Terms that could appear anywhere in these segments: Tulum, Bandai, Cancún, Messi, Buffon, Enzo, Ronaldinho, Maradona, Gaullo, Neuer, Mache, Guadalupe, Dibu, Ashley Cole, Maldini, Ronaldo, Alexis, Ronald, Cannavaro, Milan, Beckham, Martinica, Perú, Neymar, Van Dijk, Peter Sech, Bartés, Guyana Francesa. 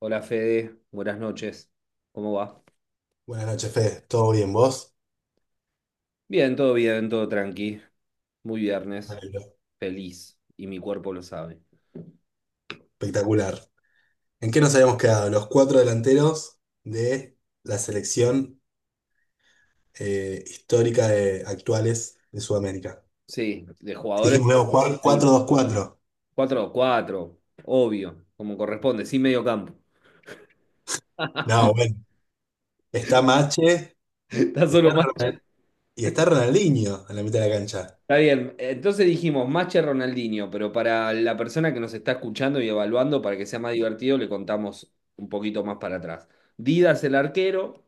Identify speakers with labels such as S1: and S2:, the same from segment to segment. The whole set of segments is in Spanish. S1: Hola Fede, buenas noches. ¿Cómo va?
S2: Buenas noches, Fede. ¿Todo bien vos?
S1: Bien, todo tranqui. Muy
S2: Me
S1: viernes,
S2: alegro.
S1: feliz y mi cuerpo lo sabe.
S2: Espectacular. ¿En qué nos habíamos quedado? Los cuatro delanteros de la selección histórica de actuales de Sudamérica.
S1: Sí, de jugadores,
S2: Dijimos, luego cuatro dos cuatro. Dos-cuatro.
S1: 4 cuatro, obvio, como corresponde, sin medio campo.
S2: No, bueno. Está Mache,
S1: Está
S2: está
S1: solo Mache.
S2: Ronald- y está Ronaldinho en la mitad de la cancha.
S1: Está bien. Entonces dijimos Mache Ronaldinho, pero para la persona que nos está escuchando y evaluando, para que sea más divertido, le contamos un poquito más para atrás. Didas el arquero,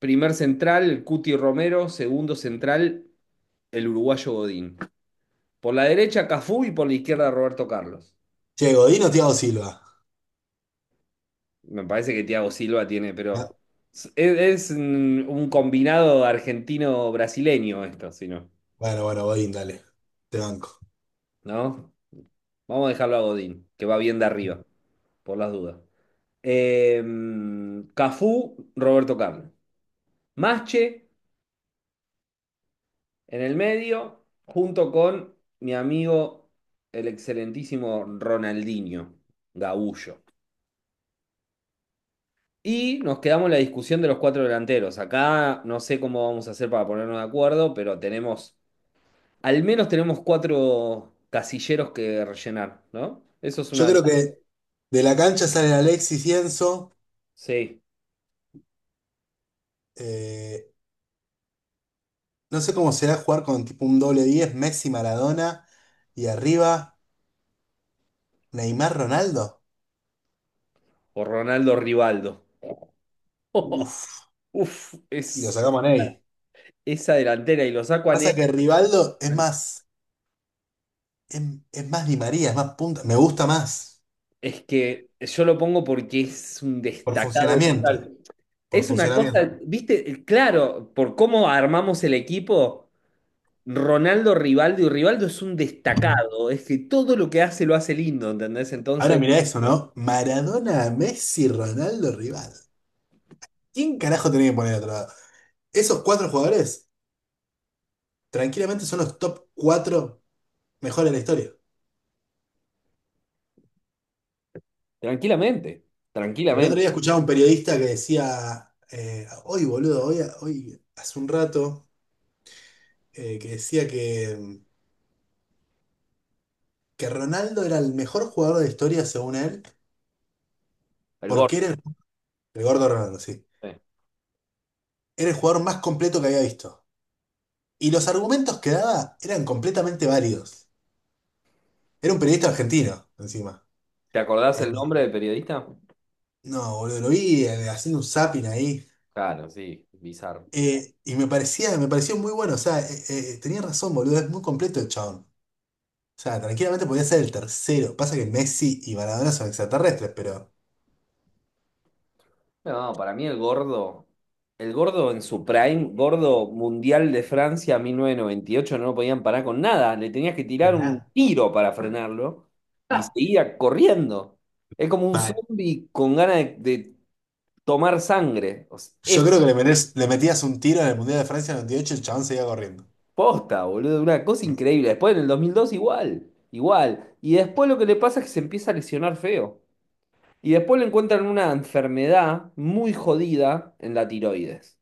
S1: primer central, el Cuti Romero. Segundo central, el uruguayo Godín. Por la derecha, Cafú y por la izquierda, Roberto Carlos.
S2: Che, Godín o Thiago Silva.
S1: Me parece que Thiago Silva tiene,
S2: Ya.
S1: pero es un combinado argentino-brasileño esto, si no,
S2: Bueno, bueno, Godín, dale. Te banco.
S1: ¿no? Vamos a dejarlo a Godín, que va bien de arriba, por las dudas. Eh, Cafú, Roberto Carlos. Masche, en el medio, junto con mi amigo, el excelentísimo Ronaldinho, Gaullo. Y nos quedamos en la discusión de los cuatro delanteros. Acá no sé cómo vamos a hacer para ponernos de acuerdo, pero tenemos, al menos tenemos cuatro casilleros que rellenar, ¿no? Eso es una
S2: Yo creo
S1: ventaja.
S2: que de la cancha salen Alexis y Enzo.
S1: Sí,
S2: Eh, No sé cómo será jugar con tipo un doble 10 Messi, Maradona y arriba Neymar, Ronaldo.
S1: o Ronaldo Rivaldo.
S2: Uf,
S1: Uf,
S2: y lo
S1: es
S2: sacamos a Ney.
S1: esa delantera y lo saco a
S2: Pasa
S1: Ney.
S2: que Rivaldo es, es más Di María, es más punta, me gusta más
S1: Es que yo lo pongo porque es un
S2: por
S1: destacado
S2: funcionamiento,
S1: total.
S2: por
S1: Es una
S2: funcionamiento.
S1: cosa, viste, claro, por cómo armamos el equipo, Ronaldo, Rivaldo, y Rivaldo es un destacado, es que todo lo que hace lo hace lindo, ¿entendés?
S2: Ahora
S1: Entonces,
S2: mira eso, ¿no? Maradona, Messi, Ronaldo, Rivaldo. ¿Quién carajo tenía que poner a otro lado? Esos cuatro jugadores tranquilamente son los top cuatro mejores de la historia.
S1: tranquilamente,
S2: El otro
S1: tranquilamente,
S2: día escuchaba a un periodista que decía, hoy boludo, hoy hace un rato, que decía que Ronaldo era el mejor jugador de la historia, según él,
S1: el
S2: porque era
S1: gordo.
S2: el gordo Ronaldo, sí.
S1: Eh.
S2: Era el jugador más completo que había visto. Y los argumentos que daba eran completamente válidos. Era un periodista argentino, encima.
S1: ¿Te acordás
S2: Eh,
S1: el nombre del periodista?
S2: no, boludo, lo vi haciendo un zapping ahí.
S1: Claro, sí, bizarro.
S2: Y me parecía, me pareció muy bueno. O sea, tenía razón, boludo, es muy completo el chabón. O sea, tranquilamente podía ser el tercero. Pasa que Messi y Maradona son extraterrestres, pero
S1: No, para mí el gordo en su prime, gordo mundial de Francia 1998 no lo podían parar con nada, le tenías que tirar un
S2: nada.
S1: tiro para frenarlo y
S2: Ah,
S1: seguía corriendo. Es como un
S2: vale.
S1: zombie con ganas de tomar sangre. O sea,
S2: Yo
S1: es
S2: creo que le metías un tiro en el Mundial de Francia en el 98 y el chabón seguía corriendo.
S1: posta, boludo, una cosa increíble. Después en el 2002 igual, igual. Y después lo que le pasa es que se empieza a lesionar feo. Y después le encuentran una enfermedad muy jodida en la tiroides.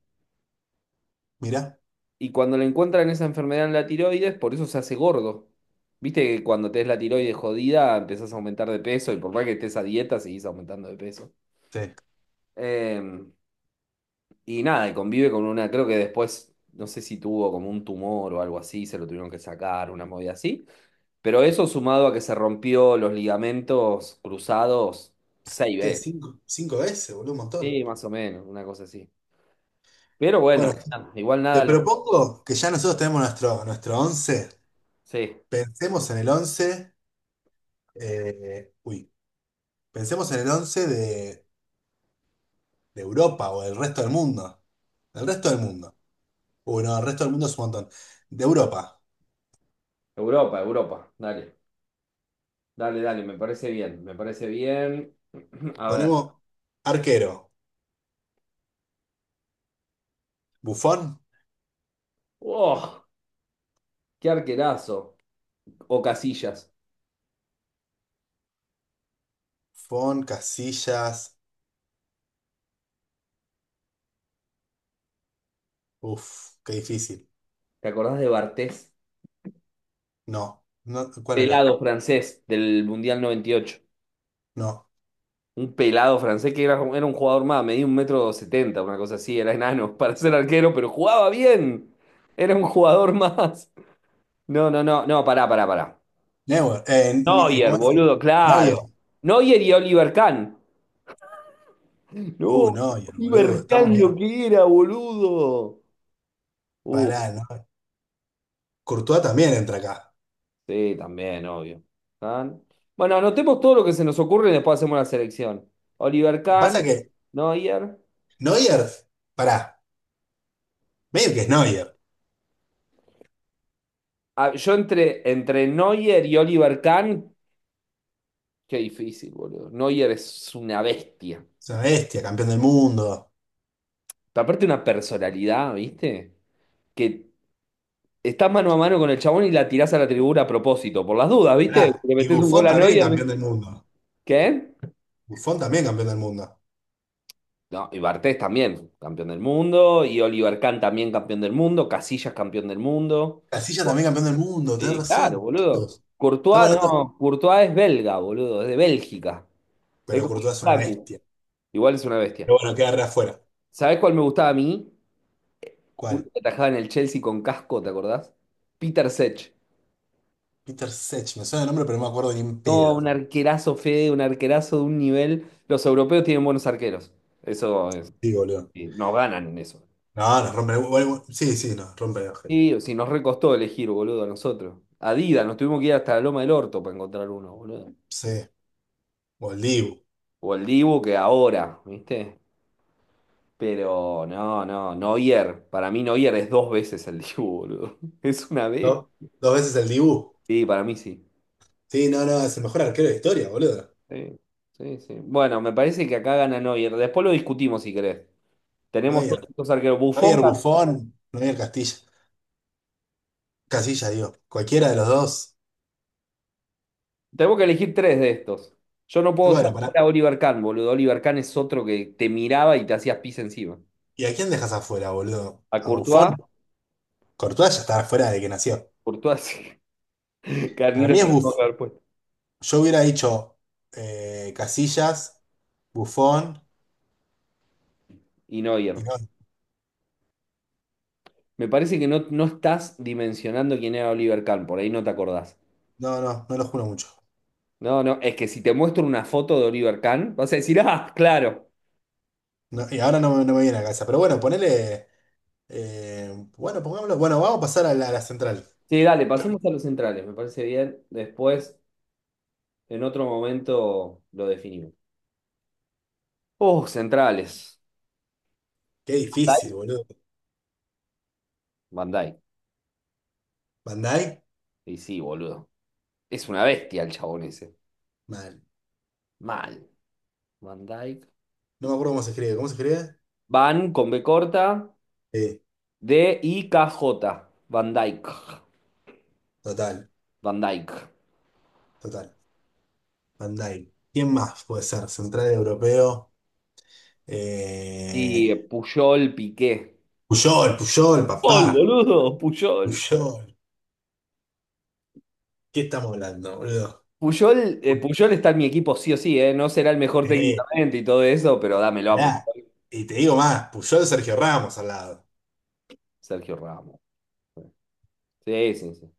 S2: Mirá.
S1: Y cuando le encuentran esa enfermedad en la tiroides, por eso se hace gordo. Viste que cuando tenés la tiroides jodida, empezás a aumentar de peso y por más que estés a dieta, seguís aumentando de peso.
S2: Sí.
S1: Eh, y nada, y convive con una, creo que después, no sé si tuvo como un tumor o algo así, se lo tuvieron que sacar, una movida así. Pero eso sumado a que se rompió los ligamentos cruzados seis
S2: ¿Qué?
S1: veces.
S2: Cinco, cinco veces, boludo, un montón.
S1: Sí, más o menos, una cosa así. Pero
S2: Bueno,
S1: bueno, nada, igual
S2: te
S1: nada lo...
S2: propongo que ya nosotros tenemos nuestro, once.
S1: Sí,
S2: Pensemos en el 11 uy, pensemos en el 11 de Europa o del resto del mundo. Del resto del mundo. Uy, no, el resto del mundo es un montón. De Europa.
S1: Europa, Europa, dale. Dale, dale, me parece bien, me parece bien. A ver.
S2: Ponemos arquero. Bufón.
S1: ¡Oh! ¡Qué arquerazo! O Casillas.
S2: Bufón, Casillas. Uf, qué difícil.
S1: ¿Te acordás de Bartés?
S2: No. No, ¿cuál era?
S1: ¿Pelado francés del Mundial 98?
S2: No.
S1: Un pelado francés que era, era un jugador más, medía 1,70 m, una cosa así, era enano para ser arquero, pero jugaba bien. Era un jugador más. No, no, no, no, pará, pará, pará.
S2: Neuer.
S1: Neuer,
S2: ¿Cómo es?
S1: boludo,
S2: Neuer.
S1: claro. Neuer y Oliver Kahn. No,
S2: Neuer, boludo.
S1: Oliver
S2: Estamos
S1: Kahn lo
S2: bien.
S1: que era, boludo. Uh,
S2: Pará, ¿no? Courtois también entra acá.
S1: Sí, también, obvio. Kahn. Bueno, anotemos todo lo que se nos ocurre y después hacemos la selección. Oliver
S2: Lo que pasa
S1: Kahn,
S2: es que
S1: Neuer.
S2: Neuer, pará, medio que es Neuer.
S1: Ah, yo entre, entre Neuer y Oliver Kahn, qué difícil, boludo. Neuer es una bestia.
S2: Es una bestia, campeón del mundo.
S1: Pero aparte una personalidad, ¿viste? Que estás mano a mano con el chabón y la tirás a la tribuna a propósito, por las dudas, ¿viste?
S2: Pará.
S1: Le
S2: Y
S1: metés un gol
S2: Buffon
S1: a
S2: también
S1: Neuer.
S2: campeón del mundo.
S1: ¿Qué?
S2: Buffon también campeón del mundo.
S1: No, y Bartés también, campeón del mundo. Y Oliver Kahn también, campeón del mundo. Casillas, campeón del mundo.
S2: Casillas también campeón del mundo. Tenés
S1: Sí, claro,
S2: razón.
S1: boludo.
S2: Todos. Estamos
S1: Courtois
S2: hablando.
S1: no, Courtois es belga, boludo, es de Bélgica. Es
S2: Pero
S1: como el
S2: Courtois es una bestia.
S1: igual es una bestia.
S2: Pero bueno, queda re afuera.
S1: ¿Sabés cuál me gustaba a mí? Uno
S2: ¿Cuál?
S1: que atajaba en el Chelsea con casco, ¿te acordás? Peter Sech.
S2: Peter Sech, me suena el nombre, pero no me acuerdo ni en
S1: No, un
S2: pedo.
S1: arquerazo, Fede, un arquerazo de un nivel. Los europeos tienen buenos arqueros. Eso es.
S2: Sí, boludo.
S1: Sí, nos ganan en eso.
S2: No, nos rompe. Bueno, sí, sí, nos rompe el ojete.
S1: Sí, o si nos recostó elegir, boludo, a nosotros. Adidas, nos tuvimos que ir hasta la Loma del Orto para encontrar uno, boludo.
S2: Sí. O el Dibu.
S1: O el Dibu que ahora, ¿viste? Pero no, no, Neuer. Para mí Neuer es dos veces el Dibu, boludo. ¿Es una vez?
S2: ¿No? Dos veces el Dibu.
S1: Sí, para mí sí.
S2: Sí, no, no, es el mejor arquero de historia, boludo.
S1: Sí, sí, sí. Bueno, me parece que acá gana Neuer. Después lo discutimos si querés. Tenemos todos
S2: Neuer.
S1: estos arqueros. Buffon,
S2: Neuer Buffon, Neuer Castilla. Castilla, digo. Cualquiera de los dos.
S1: Tenemos que elegir tres de estos. Yo no
S2: Y
S1: puedo
S2: bueno,
S1: dejar fuera
S2: pará.
S1: a Oliver Kahn, boludo. Oliver Kahn es otro que te miraba y te hacías pis encima.
S2: ¿Y a quién dejas afuera, boludo?
S1: A
S2: ¿A
S1: Courtois,
S2: Buffon? Courtois ya está afuera de que nació.
S1: Courtois sí.
S2: Para
S1: Carnilo
S2: mí es
S1: lo tengo
S2: Buff.
S1: que haber puesto.
S2: Yo hubiera dicho Casillas, Buffon
S1: Y Neuer.
S2: y no.
S1: Me parece que no, no estás dimensionando quién era Oliver Kahn, por ahí no te acordás.
S2: No, no, no lo juro mucho.
S1: No, no, es que si te muestro una foto de Oliver Kahn, vas a decir, ah, claro.
S2: No, y ahora no, me no me viene a la cabeza. Pero bueno, ponele. Bueno, pongámoslo. Bueno, vamos a pasar a la, central.
S1: Sí, dale, pasemos a los centrales, me parece bien. Después, en otro momento, lo definimos. Oh, centrales.
S2: Qué
S1: Van
S2: difícil,
S1: Dijk.
S2: boludo.
S1: Van Dijk.
S2: Bandai,
S1: Y sí, boludo. Es una bestia el chabón ese.
S2: mal.
S1: Mal. Van Dijk.
S2: No me acuerdo cómo se escribe. ¿Cómo se escribe?
S1: Van con B corta,
S2: Sí,
S1: D I K J. Van Dijk.
S2: total,
S1: Van Dijk.
S2: total. Bandai. ¿Quién más puede ser? Central europeo.
S1: Y
S2: Eh,
S1: Puyol Piqué.
S2: Puyol, Puyol, papá.
S1: Puyol, boludo, Puyol.
S2: Puyol. ¿Qué estamos hablando, boludo?
S1: Puyol, Puyol está en mi equipo sí o sí, ¿eh? No será el mejor
S2: Eh,
S1: técnicamente y todo eso, pero dámelo a
S2: pará.
S1: Puyol.
S2: Y te digo más, Puyol, Sergio Ramos al lado.
S1: Sergio Ramos. Sí, sí, sí.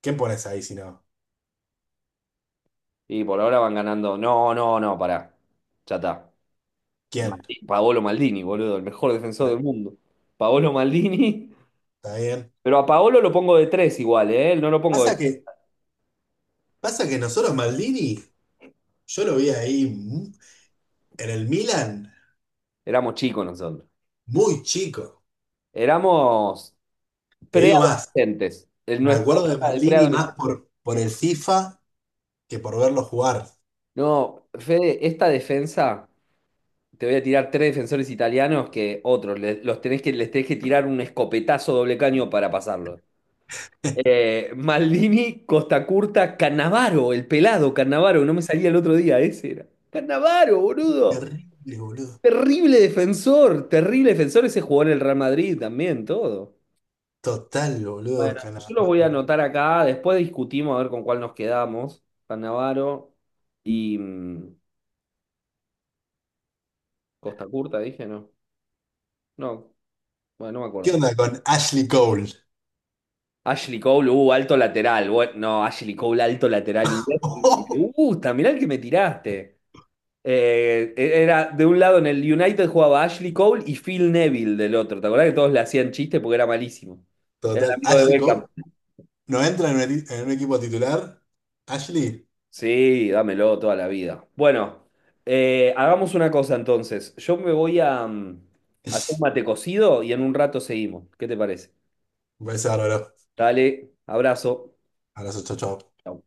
S2: ¿Quién pones ahí si no?
S1: Y por ahora van ganando. No, no, no, pará. Ya está.
S2: ¿Quién?
S1: Paolo Maldini, boludo, el mejor defensor
S2: Ah,
S1: del mundo. Paolo Maldini.
S2: ¿está bien?
S1: Pero a Paolo lo pongo de tres igual, ¿eh? No lo pongo
S2: Pasa
S1: de...
S2: que, pasa que nosotros Maldini, yo lo vi ahí en el Milan
S1: Éramos chicos nosotros.
S2: muy chico.
S1: Éramos
S2: Te digo más,
S1: preadolescentes. En
S2: me
S1: nuestra
S2: acuerdo de
S1: época de
S2: Maldini más
S1: preadolescentes.
S2: por, el FIFA que por verlo jugar.
S1: No, Fede, esta defensa. Te voy a tirar tres defensores italianos que otros. Los tenés que, les tenés que tirar un escopetazo doble caño para pasarlo. Maldini, Costa Curta, Cannavaro, el pelado Cannavaro, no me salía el otro día, ese era. Cannavaro, boludo.
S2: Terrible, boludo.
S1: Terrible defensor, terrible defensor. Ese jugó en el Real Madrid también, todo.
S2: Total, boludo.
S1: Bueno, yo lo
S2: Calamardo.
S1: voy a anotar acá. Después discutimos a ver con cuál nos quedamos. Cannavaro y Costa Curta, dije, no. No, bueno, no me
S2: ¿Qué
S1: acuerdo.
S2: onda con Ashley Cole?
S1: Ashley Cole, alto lateral. Bueno, no, Ashley Cole, alto lateral inglés. Me gusta, mirá el que me tiraste. Era de un lado en el United jugaba Ashley Cole y Phil Neville del otro. ¿Te acordás que todos le hacían chiste porque era malísimo? Era el
S2: Total,
S1: amigo de
S2: Ashley Cole
S1: Beckham.
S2: no entra en en un equipo titular. Ashley,
S1: Sí, dámelo toda la vida. Bueno, hagamos una cosa entonces. Yo me voy a hacer un mate cocido y en un rato seguimos. ¿Qué te parece?
S2: un beso bárbaro.
S1: Dale, abrazo.
S2: Abrazo, chau, chau.
S1: Chau.